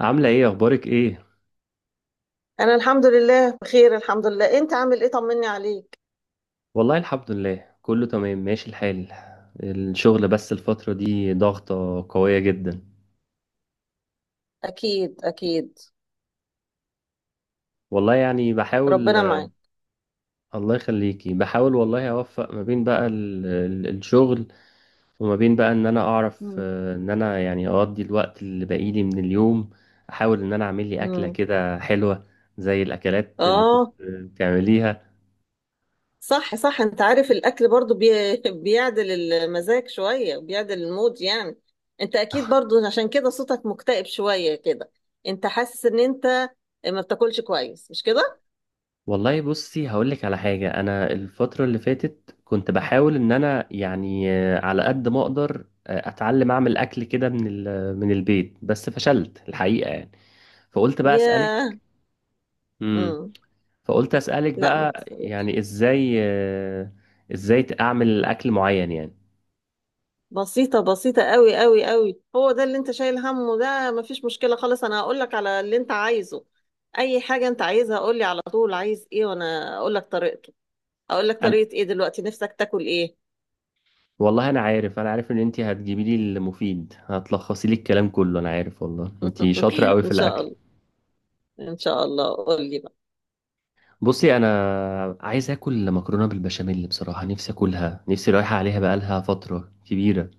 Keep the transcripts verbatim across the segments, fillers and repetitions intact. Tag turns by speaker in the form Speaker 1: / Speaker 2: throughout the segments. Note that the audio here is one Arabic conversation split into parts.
Speaker 1: عاملة ايه، اخبارك ايه؟
Speaker 2: انا الحمد لله بخير، الحمد لله. انت عامل ايه؟ طمني عليك.
Speaker 1: والله الحمد لله كله تمام ماشي الحال. الشغل بس الفترة دي ضغطة قوية جدا.
Speaker 2: اكيد اكيد.
Speaker 1: والله يعني بحاول.
Speaker 2: ربنا معاك.
Speaker 1: الله يخليكي، بحاول والله اوفق ما بين بقى ال- ال- الشغل وما بين بقى ان انا اعرف
Speaker 2: مم.
Speaker 1: آه، ان انا يعني اقضي الوقت اللي باقيلي من اليوم. احاول ان انا اعمل لي اكلة
Speaker 2: مم.
Speaker 1: كده حلوة، زي الاكلات اللي كنت
Speaker 2: اه.
Speaker 1: بتعمليها.
Speaker 2: صح صح، انت عارف الاكل برضو بي... بيعدل المزاج شوية، بيعدل المود يعني. انت اكيد برضو، عشان كده صوتك مكتئب شوية كده. انت حاسس ان انت ما بتاكلش كويس، مش كده؟
Speaker 1: والله بصي هقولك على حاجة. أنا الفترة اللي فاتت كنت بحاول إن أنا يعني آه، على قد ما أقدر آه، أتعلم أعمل أكل كده من ال- من البيت، بس فشلت الحقيقة يعني. فقلت بقى أسألك.
Speaker 2: يا
Speaker 1: امم.
Speaker 2: مم.
Speaker 1: فقلت أسألك
Speaker 2: لا، ما
Speaker 1: بقى،
Speaker 2: تقلقش.
Speaker 1: يعني إزاي آه، إزاي أعمل أكل معين يعني؟
Speaker 2: بسيطة بسيطة، قوي قوي قوي، هو ده اللي انت شايل همه. ده مفيش مشكلة خالص. انا هقول لك على اللي انت عايزه. اي حاجة انت عايزها قول لي على طول، عايز ايه وانا اقول لك طريقته. اقول لك
Speaker 1: أنا،
Speaker 2: طريقة ايه؟ دلوقتي نفسك تاكل ايه؟
Speaker 1: والله أنا عارف، أنا عارف إن أنتي هتجيبي لي المفيد، هتلخصي لي الكلام كله. أنا عارف والله أنتي شاطرة أوي في
Speaker 2: ان شاء
Speaker 1: الأكل.
Speaker 2: الله. ان شاء الله، قول لي بقى.
Speaker 1: بصي، انا عايز اكل مكرونه بالبشاميل. بصراحه نفسي اكلها، نفسي رايحه عليها بقالها فتره كبيره.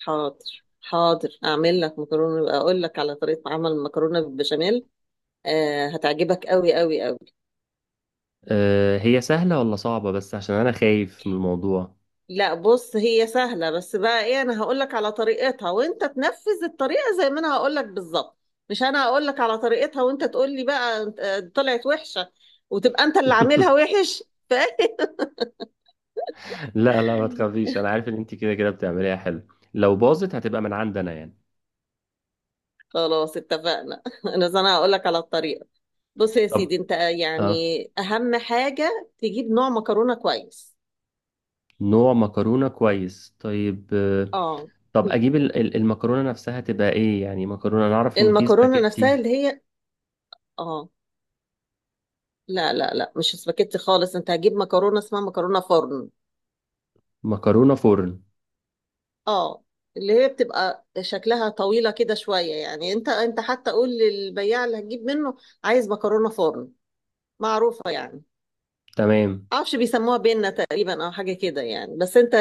Speaker 2: حاضر حاضر، اعمل لك مكرونة. اقول لك على طريقة عمل المكرونة بالبشاميل. آه، هتعجبك قوي قوي قوي.
Speaker 1: أه، هي سهله ولا صعبه؟ بس عشان انا خايف من الموضوع.
Speaker 2: لا، بص، هي سهلة بس. بقى ايه، انا هقولك على طريقتها وانت تنفذ الطريقة زي ما انا هقولك بالظبط. مش انا هقولك على طريقتها وانت تقولي بقى آه، طلعت وحشة. وتبقى انت اللي عاملها وحش. ف-
Speaker 1: لا لا، ما تخافيش. انا عارف ان انت كده كده بتعمليها حلو. لو باظت هتبقى من عندنا يعني.
Speaker 2: خلاص اتفقنا. انا زي انا هقولك على الطريقة. بص يا
Speaker 1: طب.
Speaker 2: سيدي، انت
Speaker 1: اه.
Speaker 2: يعني اهم حاجة تجيب نوع مكرونة كويس.
Speaker 1: نوع مكرونه كويس، طيب آه،
Speaker 2: اه.
Speaker 1: طب اجيب ال- ال- المكرونه نفسها تبقى ايه يعني؟ مكرونه، انا اعرف ان في
Speaker 2: المكرونة نفسها
Speaker 1: سباكيتي.
Speaker 2: اللي هي. اه. لا، لا، لا، مش سباكيتي خالص. انت هتجيب مكرونة اسمها مكرونة فرن.
Speaker 1: مكرونه فرن.
Speaker 2: اه. اللي هي بتبقى شكلها طويلة كده شوية يعني، انت انت حتى قول للبياع اللي هتجيب منه، عايز مكرونة فرن. معروفة يعني.
Speaker 1: تمام.
Speaker 2: معرفش بيسموها بينا تقريبا او حاجة كده يعني. بس انت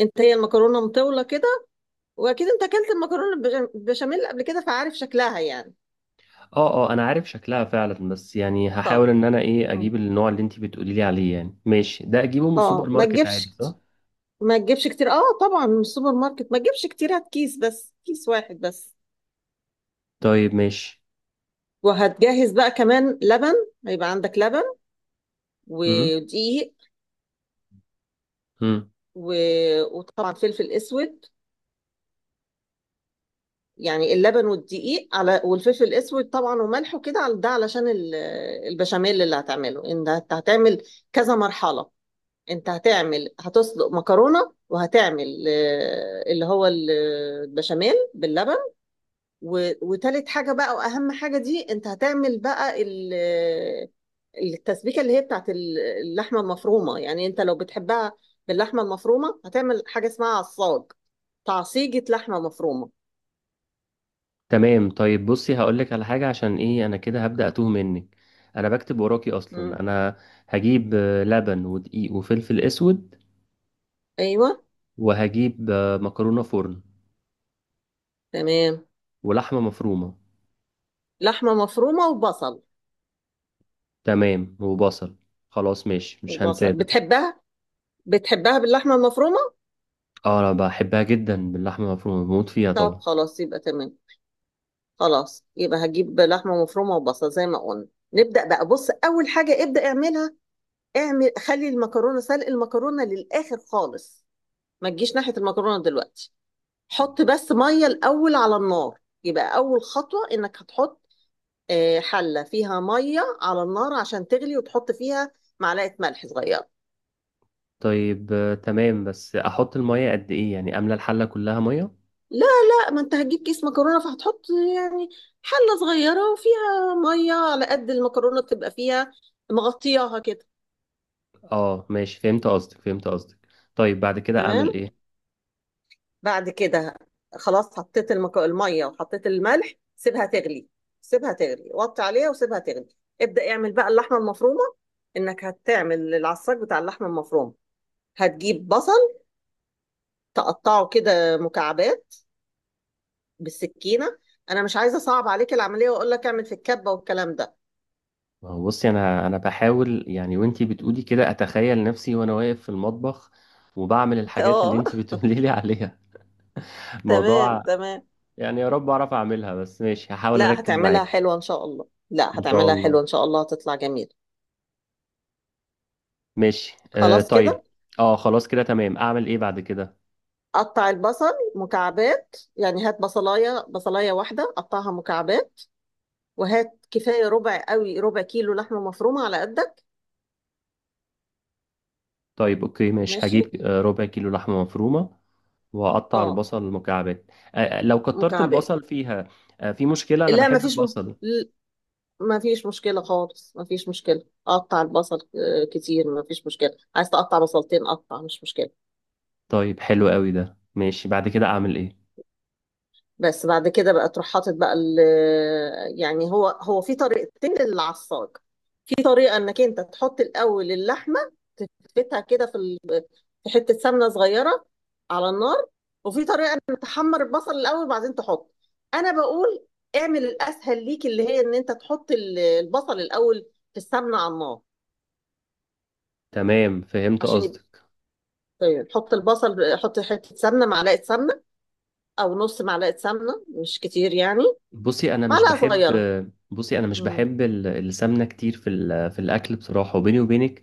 Speaker 2: انت هي المكرونة مطولة كده. واكيد انت اكلت المكرونة بالبش- بالبشاميل قبل كده، فعارف شكلها يعني.
Speaker 1: اه اه، انا عارف شكلها فعلا، بس يعني
Speaker 2: طب.
Speaker 1: هحاول ان انا ايه اجيب
Speaker 2: مم.
Speaker 1: النوع اللي انت بتقولي لي عليه. يعني ماشي، ده اجيبه من السوبر
Speaker 2: اه، ما
Speaker 1: ماركت
Speaker 2: تجيبش
Speaker 1: عادي صح؟
Speaker 2: كتير. ما تجيبش كتير، اه طبعا من السوبر ماركت. ما تجيبش كتير، هات كيس بس، كيس واحد بس.
Speaker 1: طيب ماشي.
Speaker 2: وهتجهز بقى كمان لبن. هيبقى عندك لبن
Speaker 1: امم.
Speaker 2: ودقيق
Speaker 1: امم.
Speaker 2: و... وطبعا فلفل اسود. يعني اللبن والدقيق على والفلفل الاسود طبعا وملح وكده، على ده علشان ال- البشاميل اللي هتعمله، انت هت- هتعمل كذا مرحلة. انت هتعمل هتسلق مكرونة، وهتعمل آه، اللي هو ال- البشاميل باللبن. و... وتالت حاجة بقى، وأهم حاجة دي، أنت هتعمل بقى ال... التسبيكة اللي هي بتاعت ال- اللحمة المفرومة. يعني أنت لو بتحبها باللحمة المفرومة، هتعمل حاجة اسمها عصاج، تعصيجة لحمة مفرومة.
Speaker 1: تمام طيب، بصي هقول لك على حاجه عشان ايه انا كده هبدا اتوه منك. انا بكتب وراكي
Speaker 2: مم.
Speaker 1: اصلا. انا هجيب آه، لبن ودقيق وفلفل اسود.
Speaker 2: أيوة.
Speaker 1: وهجيب آه، مكرونه فرن.
Speaker 2: تمام.
Speaker 1: ولحمه مفرومه.
Speaker 2: لحمة مفرومة وبصل.
Speaker 1: تمام، وبصل. خلاص ماشي، مش هنساه
Speaker 2: وبصل،
Speaker 1: ده.
Speaker 2: بتحبها بتحبها باللحمة المفرومة؟
Speaker 1: اه، انا بحبها جدا باللحمه المفرومه، بموت فيها
Speaker 2: طب
Speaker 1: طبعا.
Speaker 2: خلاص، يبقى تمام. خلاص يبقى هجيب لحمة مفرومة وبصل زي ما قلنا. نبدأ بقى. بص، أول حاجة ابدأ اعملها، اعمل خلي المكرونه، سلق المكرونه للاخر خالص. ما تجيش ناحيه المكرونه دلوقتي. حط بس ميه الاول على النار. يبقى اول خطوه انك هتحط آه، حله فيها ميه على النار عشان تغلي، وتحط فيها معلقه ملح صغيره.
Speaker 1: طيب آه، تمام، بس احط المية قد ايه يعني؟ املى الحلة كلها مية؟
Speaker 2: لا لا، ما انت هتجيب كيس مكرونه فهتحط يعني حله صغيره وفيها ميه على قد المكرونه تبقى فيها، مغطياها كده.
Speaker 1: اه ماشي، فهمت قصدك فهمت قصدك. طيب بعد كده اعمل
Speaker 2: تمام.
Speaker 1: ايه؟
Speaker 2: بعد كده، خلاص، حطيت المك... الميه وحطيت الملح، سيبها تغلي. سيبها تغلي، وطي عليها وسيبها تغلي. ابدأ اعمل بقى اللحمه المفرومه، انك هتعمل العصاج بتاع اللحمه المفرومه. هتجيب بصل، تقطعه كده مكعبات بالسكينه. انا مش عايزه اصعب عليك العمليه واقول لك اعمل في الكبه والكلام ده.
Speaker 1: ما هو بصي، انا انا بحاول يعني، وانتي بتقولي كده اتخيل نفسي وانا واقف في المطبخ وبعمل الحاجات اللي
Speaker 2: اه.
Speaker 1: انتي بتقولي لي عليها.
Speaker 2: تمام
Speaker 1: موضوع
Speaker 2: تمام.
Speaker 1: يعني، يا رب اعرف اعملها. بس ماشي هحاول
Speaker 2: لا،
Speaker 1: اركز
Speaker 2: هتعملها
Speaker 1: معاك.
Speaker 2: حلوه ان شاء الله. لا،
Speaker 1: ان شاء
Speaker 2: هتعملها
Speaker 1: الله.
Speaker 2: حلوه ان شاء الله، هتطلع جميل.
Speaker 1: ماشي آه
Speaker 2: خلاص
Speaker 1: طيب.
Speaker 2: كده.
Speaker 1: اه خلاص كده تمام. اعمل ايه بعد كده؟
Speaker 2: قطع البصل مكعبات يعني، هات بصلايه، بصلايه واحده، قطعها مكعبات. وهات كفايه، ربع قوي، ربع كيلو لحمه مفرومه على قدك.
Speaker 1: طيب اوكي ماشي،
Speaker 2: ماشي.
Speaker 1: هجيب آه، ربع كيلو لحمة مفرومة. وأقطع
Speaker 2: اه،
Speaker 1: البصل مكعبات. آه، لو كترت
Speaker 2: مكعبات.
Speaker 1: البصل فيها آه، في مشكلة؟ أنا
Speaker 2: لا، ما
Speaker 1: بحب
Speaker 2: فيش م...
Speaker 1: البصل.
Speaker 2: ما فيش مشكله خالص، ما فيش مشكله. قطع البصل آه، كتير، ما فيش مشكله. عايز تقطع بصلتين، قطع، مش مشكله.
Speaker 1: طيب حلو قوي ده، ماشي. بعد كده أعمل إيه؟
Speaker 2: بس بعد كده بقى تروح حاطط بقى ال... يعني هو هو في طريقتين للعصاج. في طريقه انك انت تحط الاول اللحمه، تفتها كده في في حتة سمنة صغيرة على النار. وفي طريقة انك تحمر البصل الاول وبعدين تحط. انا بقول اعمل الاسهل ليك، اللي هي ان انت تحط ال- البصل الاول في السمنة على النار
Speaker 1: تمام فهمت
Speaker 2: عشان يبقى.
Speaker 1: قصدك.
Speaker 2: طيب، حط البصل، حط حتة سمنة، معلقة سمنة، او نص معلقة سمنة، مش كتير يعني.
Speaker 1: بصي أنا مش
Speaker 2: معلقة
Speaker 1: بحب
Speaker 2: صغيرة.
Speaker 1: بصي أنا مش
Speaker 2: امم.
Speaker 1: بحب ال- السمنة كتير في ال- في الأكل، بصراحة. وبيني وبينك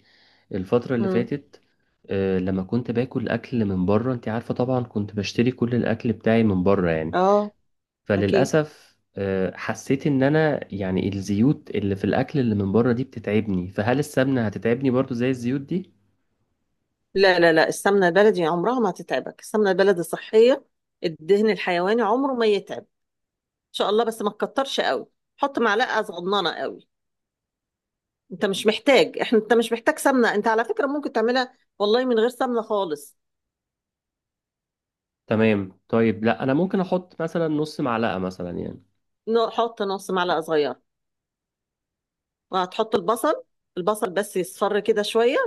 Speaker 1: الفترة اللي
Speaker 2: امم.
Speaker 1: فاتت آه، لما كنت باكل أكل من بره، أنت عارفة طبعا كنت بشتري كل الأكل بتاعي من بره يعني.
Speaker 2: اه، اكيد.
Speaker 1: فللأسف آه، حسيت إن أنا يعني الزيوت اللي في الأكل اللي من بره دي بتتعبني. فهل السمنة هتتعبني برضو زي الزيوت دي؟
Speaker 2: لا، لا، لا، السمنة البلدي عمرها ما هتتعبك. السمنة البلدي صحية. الدهن الحيواني عمره ما يتعب شاء الله. بس ما تكترش قوي. حط معلقه صغننه قوي. انت مش محتاج احنا انت مش محتاج سمنه. انت على فكره ممكن تعملها والله من غير سمنه خالص.
Speaker 1: تمام طيب، لا أنا ممكن أحط مثلا نص معلقة مثلا يعني.
Speaker 2: ن- حط نص معلقه صغيره. وهتحط البصل. البصل بس يصفر كده شويه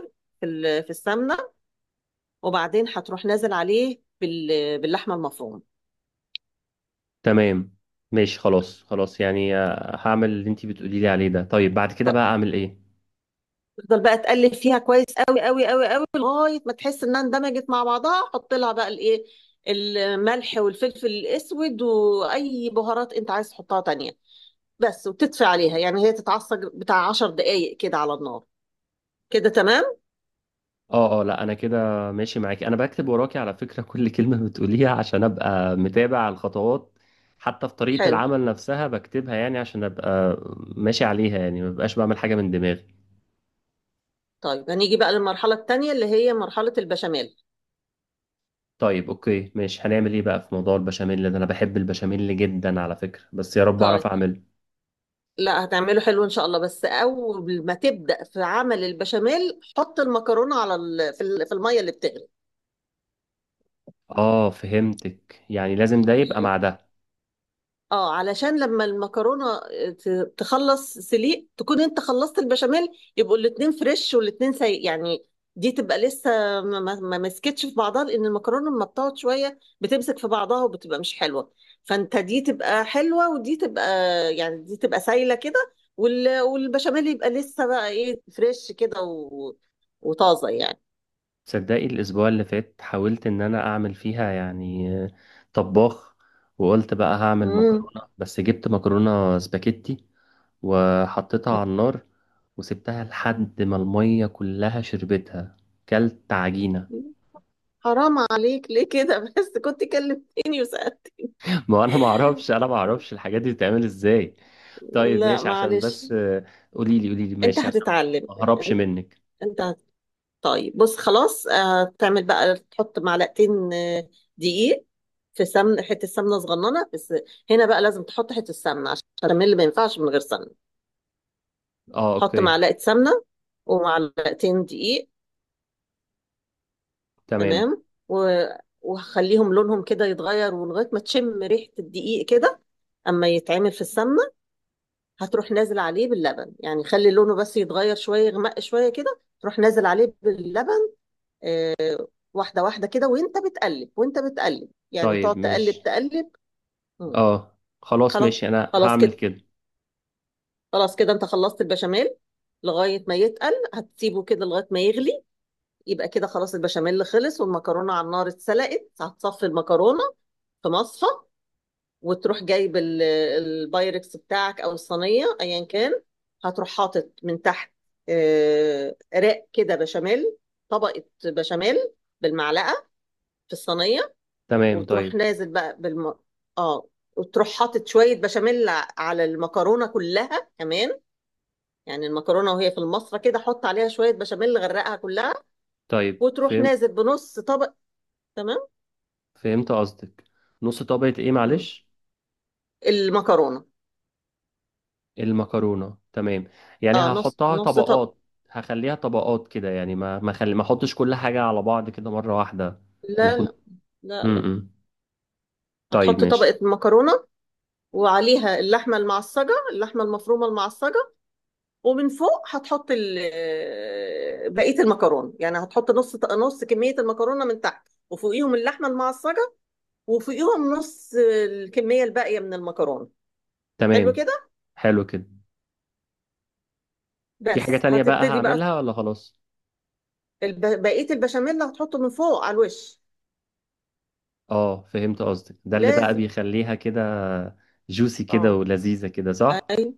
Speaker 2: في ال- في السمنه، وبعدين هتروح نازل عليه بال- باللحمه المفرومه.
Speaker 1: تمام ماشي، خلاص خلاص يعني آه، هعمل اللي انتي بتقولي لي عليه ده. طيب بعد كده
Speaker 2: ط-
Speaker 1: بقى أعمل إيه؟
Speaker 2: تفضل بقى تقلب فيها كويس، قوي قوي قوي قوي، لغايه ما تحس انها اندمجت مع بعضها. حط لها بقى الايه، الملح والفلفل الاسود واي بهارات انت عايز تحطها تانية. بس، وتطفي عليها يعني، هي تتعصج بتاع عشر دقايق كده على النار. كده تمام.
Speaker 1: اه اه، لا انا كده ماشي معاكي. انا بكتب وراكي على فكرة كل كلمة بتقوليها عشان ابقى متابع الخطوات. حتى في طريقة
Speaker 2: حلو.
Speaker 1: العمل نفسها بكتبها، يعني عشان ابقى ماشي عليها، يعني ما ببقاش بعمل حاجة من دماغي.
Speaker 2: طيب، هنيجي بقى للمرحلة التانية، اللي هي مرحلة البشاميل.
Speaker 1: طيب اوكي ماشي، هنعمل ايه بقى في موضوع البشاميل ده؟ انا بحب البشاميل جدا على فكرة، بس يا رب اعرف
Speaker 2: طيب.
Speaker 1: اعمله.
Speaker 2: لا، هتعمله حلو ان شاء الله. بس اول ما تبدأ في عمل البشاميل، حط المكرونة على ال... في ال- في المية اللي بتغلي.
Speaker 1: اه فهمتك، يعني لازم ده يبقى
Speaker 2: ماشي.
Speaker 1: مع ده.
Speaker 2: اه، علشان لما المكرونه آه، ت- تخلص سليق، تكون انت خلصت البشاميل. يبقوا الاتنين فريش والاتنين سي يعني. دي تبقى لسه، ما ما- ما مسكتش في بعضها، لان المكرونه لما بتقعد شويه بتمسك في بعضها وبتبقى مش حلوه. فانت دي تبقى حلوه، ودي تبقى، يعني دي تبقى سايله كده، وال- والبشاميل يبقى لسه بقى ايه فريش كده و- وطازه يعني.
Speaker 1: تصدقي الاسبوع اللي فات حاولت ان انا اعمل فيها يعني آه، طباخ. وقلت بقى هعمل
Speaker 2: امم.
Speaker 1: مكرونة، بس جبت مكرونة سباكيتي وحطيتها على النار وسبتها لحد ما المية كلها شربتها. كلت عجينة.
Speaker 2: حرام عليك، ليه كده؟ بس كنت كلمتني وسألت.
Speaker 1: ما هو انا ما اعرفش انا ما اعرفش الحاجات دي بتتعمل ازاي. طيب
Speaker 2: لا،
Speaker 1: ماشي عشان
Speaker 2: معلش.
Speaker 1: بس، قولي لي قولي لي
Speaker 2: انت
Speaker 1: ماشي عشان
Speaker 2: هتتعلم.
Speaker 1: ما اهربش منك.
Speaker 2: انت هت... طيب بص خلاص، آه، تعمل بقى، تحط معلقتين آه، دقيق في سمن، حته سمنه صغننه بس. هنا بقى لازم تحط حته سمنه، عشان البشاميل ما ينفعش من غير سمنه.
Speaker 1: اه
Speaker 2: حط
Speaker 1: اوكي
Speaker 2: معلقه سمنه ومعلقتين دقيق.
Speaker 1: تمام.
Speaker 2: تمام و... وخليهم لونهم كده يتغير، ولغايه ما تشم ريحه الدقيق كده اما يتعمل في السمنه. هتروح نازل عليه باللبن، يعني خلي لونه بس يتغير شويه، يغمق شويه كده، تروح نازل عليه باللبن، واحدة واحدة كده، وانت بتقلب، وانت بتقلب يعني،
Speaker 1: طيب
Speaker 2: تقعد
Speaker 1: ماشي.
Speaker 2: تقلب تقلب. مم.
Speaker 1: اه خلاص
Speaker 2: خلاص.
Speaker 1: ماشي، انا
Speaker 2: خلاص
Speaker 1: هعمل
Speaker 2: كده.
Speaker 1: كده.
Speaker 2: خلاص كده انت خلصت البشاميل. لغاية ما يتقل، هتسيبه كده لغاية ما يغلي. يبقى كده خلاص، البشاميل خلص والمكرونة على النار اتسلقت. هتصفي المكرونة في مصفى، وتروح جايب ال- البايركس بتاعك او الصينية، ايا كان. هتروح حاطط من تحت آه، رق كده بشاميل، طبقة بشاميل، بالمعلقة، في الصينية.
Speaker 1: تمام
Speaker 2: وتروح
Speaker 1: طيب.
Speaker 2: نازل بقى بالم... اه وتروح حاطط شوية بشاميل ع- على المكرونة كلها كمان. يعني المكرونة وهي في المصفى كده، حط عليها شوية بشاميل غرقها كلها.
Speaker 1: طيب
Speaker 2: وتروح
Speaker 1: فهم
Speaker 2: نازل بنص طبق. تمام.
Speaker 1: فهمت قصدك. نص طبقة ايه
Speaker 2: مم.
Speaker 1: معلش؟
Speaker 2: المكرونة.
Speaker 1: المكرونة، تمام. يعني
Speaker 2: اه، نص
Speaker 1: هحطها
Speaker 2: نص طبق.
Speaker 1: طبقات، هخليها طبقات كده، يعني ما ما خلي ما احطش كل حاجة على بعض كده مرة واحدة. انا
Speaker 2: لا،
Speaker 1: كنت
Speaker 2: لا، لا،
Speaker 1: م
Speaker 2: لا،
Speaker 1: -م. طيب
Speaker 2: هتحط
Speaker 1: ماشي.
Speaker 2: طبقة مكرونة، وعليها اللحمة المعصجة، اللحمة المفرومة المعصجة. ومن فوق هتحط ال- آه، بقية المكرونة. يعني هتحط نص نص كمية المكرونة من تحت، وفوقيهم اللحمة المعصجة، وفوقيهم نص الكمية الباقية من المكرونة. حلو
Speaker 1: تمام،
Speaker 2: كده.
Speaker 1: حلو كده. في حاجة
Speaker 2: بس
Speaker 1: تانية بقى
Speaker 2: هتبتدي بقى
Speaker 1: هعملها ولا خلاص؟
Speaker 2: الب... بقية البشاميل اللي هتحطه من فوق على الوش.
Speaker 1: اه فهمت قصدك، ده اللي بقى
Speaker 2: لازم.
Speaker 1: بيخليها كده جوسي كده
Speaker 2: اه.
Speaker 1: ولذيذة كده صح؟
Speaker 2: اي،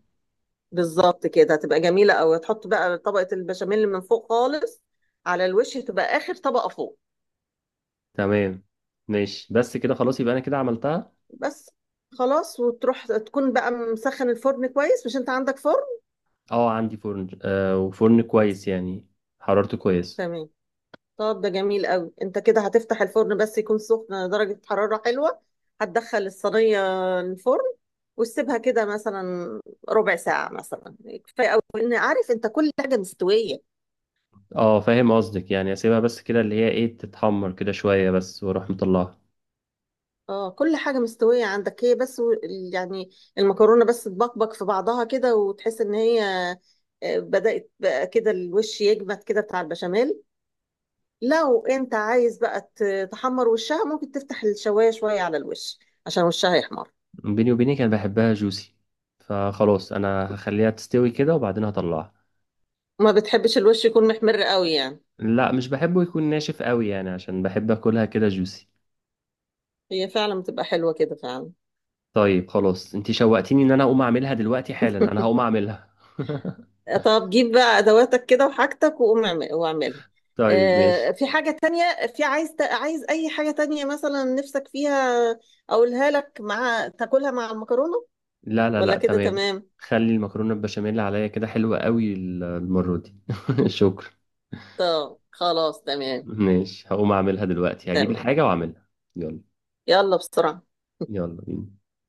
Speaker 2: بالظبط كده هتبقى جميلة أوي. هتحط بقى طبقة البشاميل من فوق خالص، على الوش، هتبقى آخر طبقة فوق.
Speaker 1: تمام ماشي، بس كده خلاص يبقى انا كده عملتها.
Speaker 2: بس. خلاص، وتروح تكون بقى مسخن الفرن كويس، مش انت عندك فرن؟
Speaker 1: اه عندي فرن آه وفرن كويس يعني، حرارته كويس.
Speaker 2: تمام. طب ده جميل قوي. انت كده هتفتح الفرن بس يكون سخن، درجة حرارة حلوة. هتدخل الصينية الفرن، وتسيبها كده مثلا ربع ساعة مثلا، كفاية قوي، لان عارف انت كل حاجة مستوية.
Speaker 1: اه فاهم قصدك، يعني اسيبها بس كده اللي هي ايه تتحمر كده شوية بس واروح مطلعها؟
Speaker 2: اه، كل حاجة مستوية عندك هي بس و- يعني المكرونة بس تبقبق في بعضها كده، وتحس ان هي آه، بدأت بقى كده الوش يجمد كده بتاع البشاميل. لو انت عايز بقى ت- تحمر وشها، ممكن تفتح الشواية شوية على الوش عشان وشها يحمر.
Speaker 1: بيني وبينك انا بحبها جوسي، فخلاص انا هخليها تستوي كده وبعدين هطلعها.
Speaker 2: ما بتحبش الوش يكون محمر قوي يعني؟
Speaker 1: لا مش بحبه يكون ناشف قوي يعني، عشان بحب اكلها كده جوسي.
Speaker 2: هي فعلا بتبقى حلوة كده فعلا.
Speaker 1: طيب خلاص، انت شوقتيني ان انا اقوم اعملها دلوقتي حالا. انا هقوم اعملها
Speaker 2: طب، جيب بقى ادواتك كده وحاجتك، وقوم اعمل- واعملها.
Speaker 1: طيب
Speaker 2: آه،
Speaker 1: ماشي.
Speaker 2: في حاجة تانية؟ في عايز ت- عايز اي حاجة تانية مثلا نفسك فيها، اقولها لك، مع تاكلها مع المكرونة؟
Speaker 1: لا لا
Speaker 2: ولا
Speaker 1: لا،
Speaker 2: كده
Speaker 1: تمام.
Speaker 2: تمام؟
Speaker 1: خلي المكرونة البشاميل عليا كده حلوة قوي ال- المرة دي. شكرا.
Speaker 2: طب خلاص تمام.
Speaker 1: ماشي هقوم اعملها دلوقتي، هجيب
Speaker 2: تمام.
Speaker 1: الحاجة واعملها. يلا.
Speaker 2: يلا بسرعة.
Speaker 1: يلا بينا.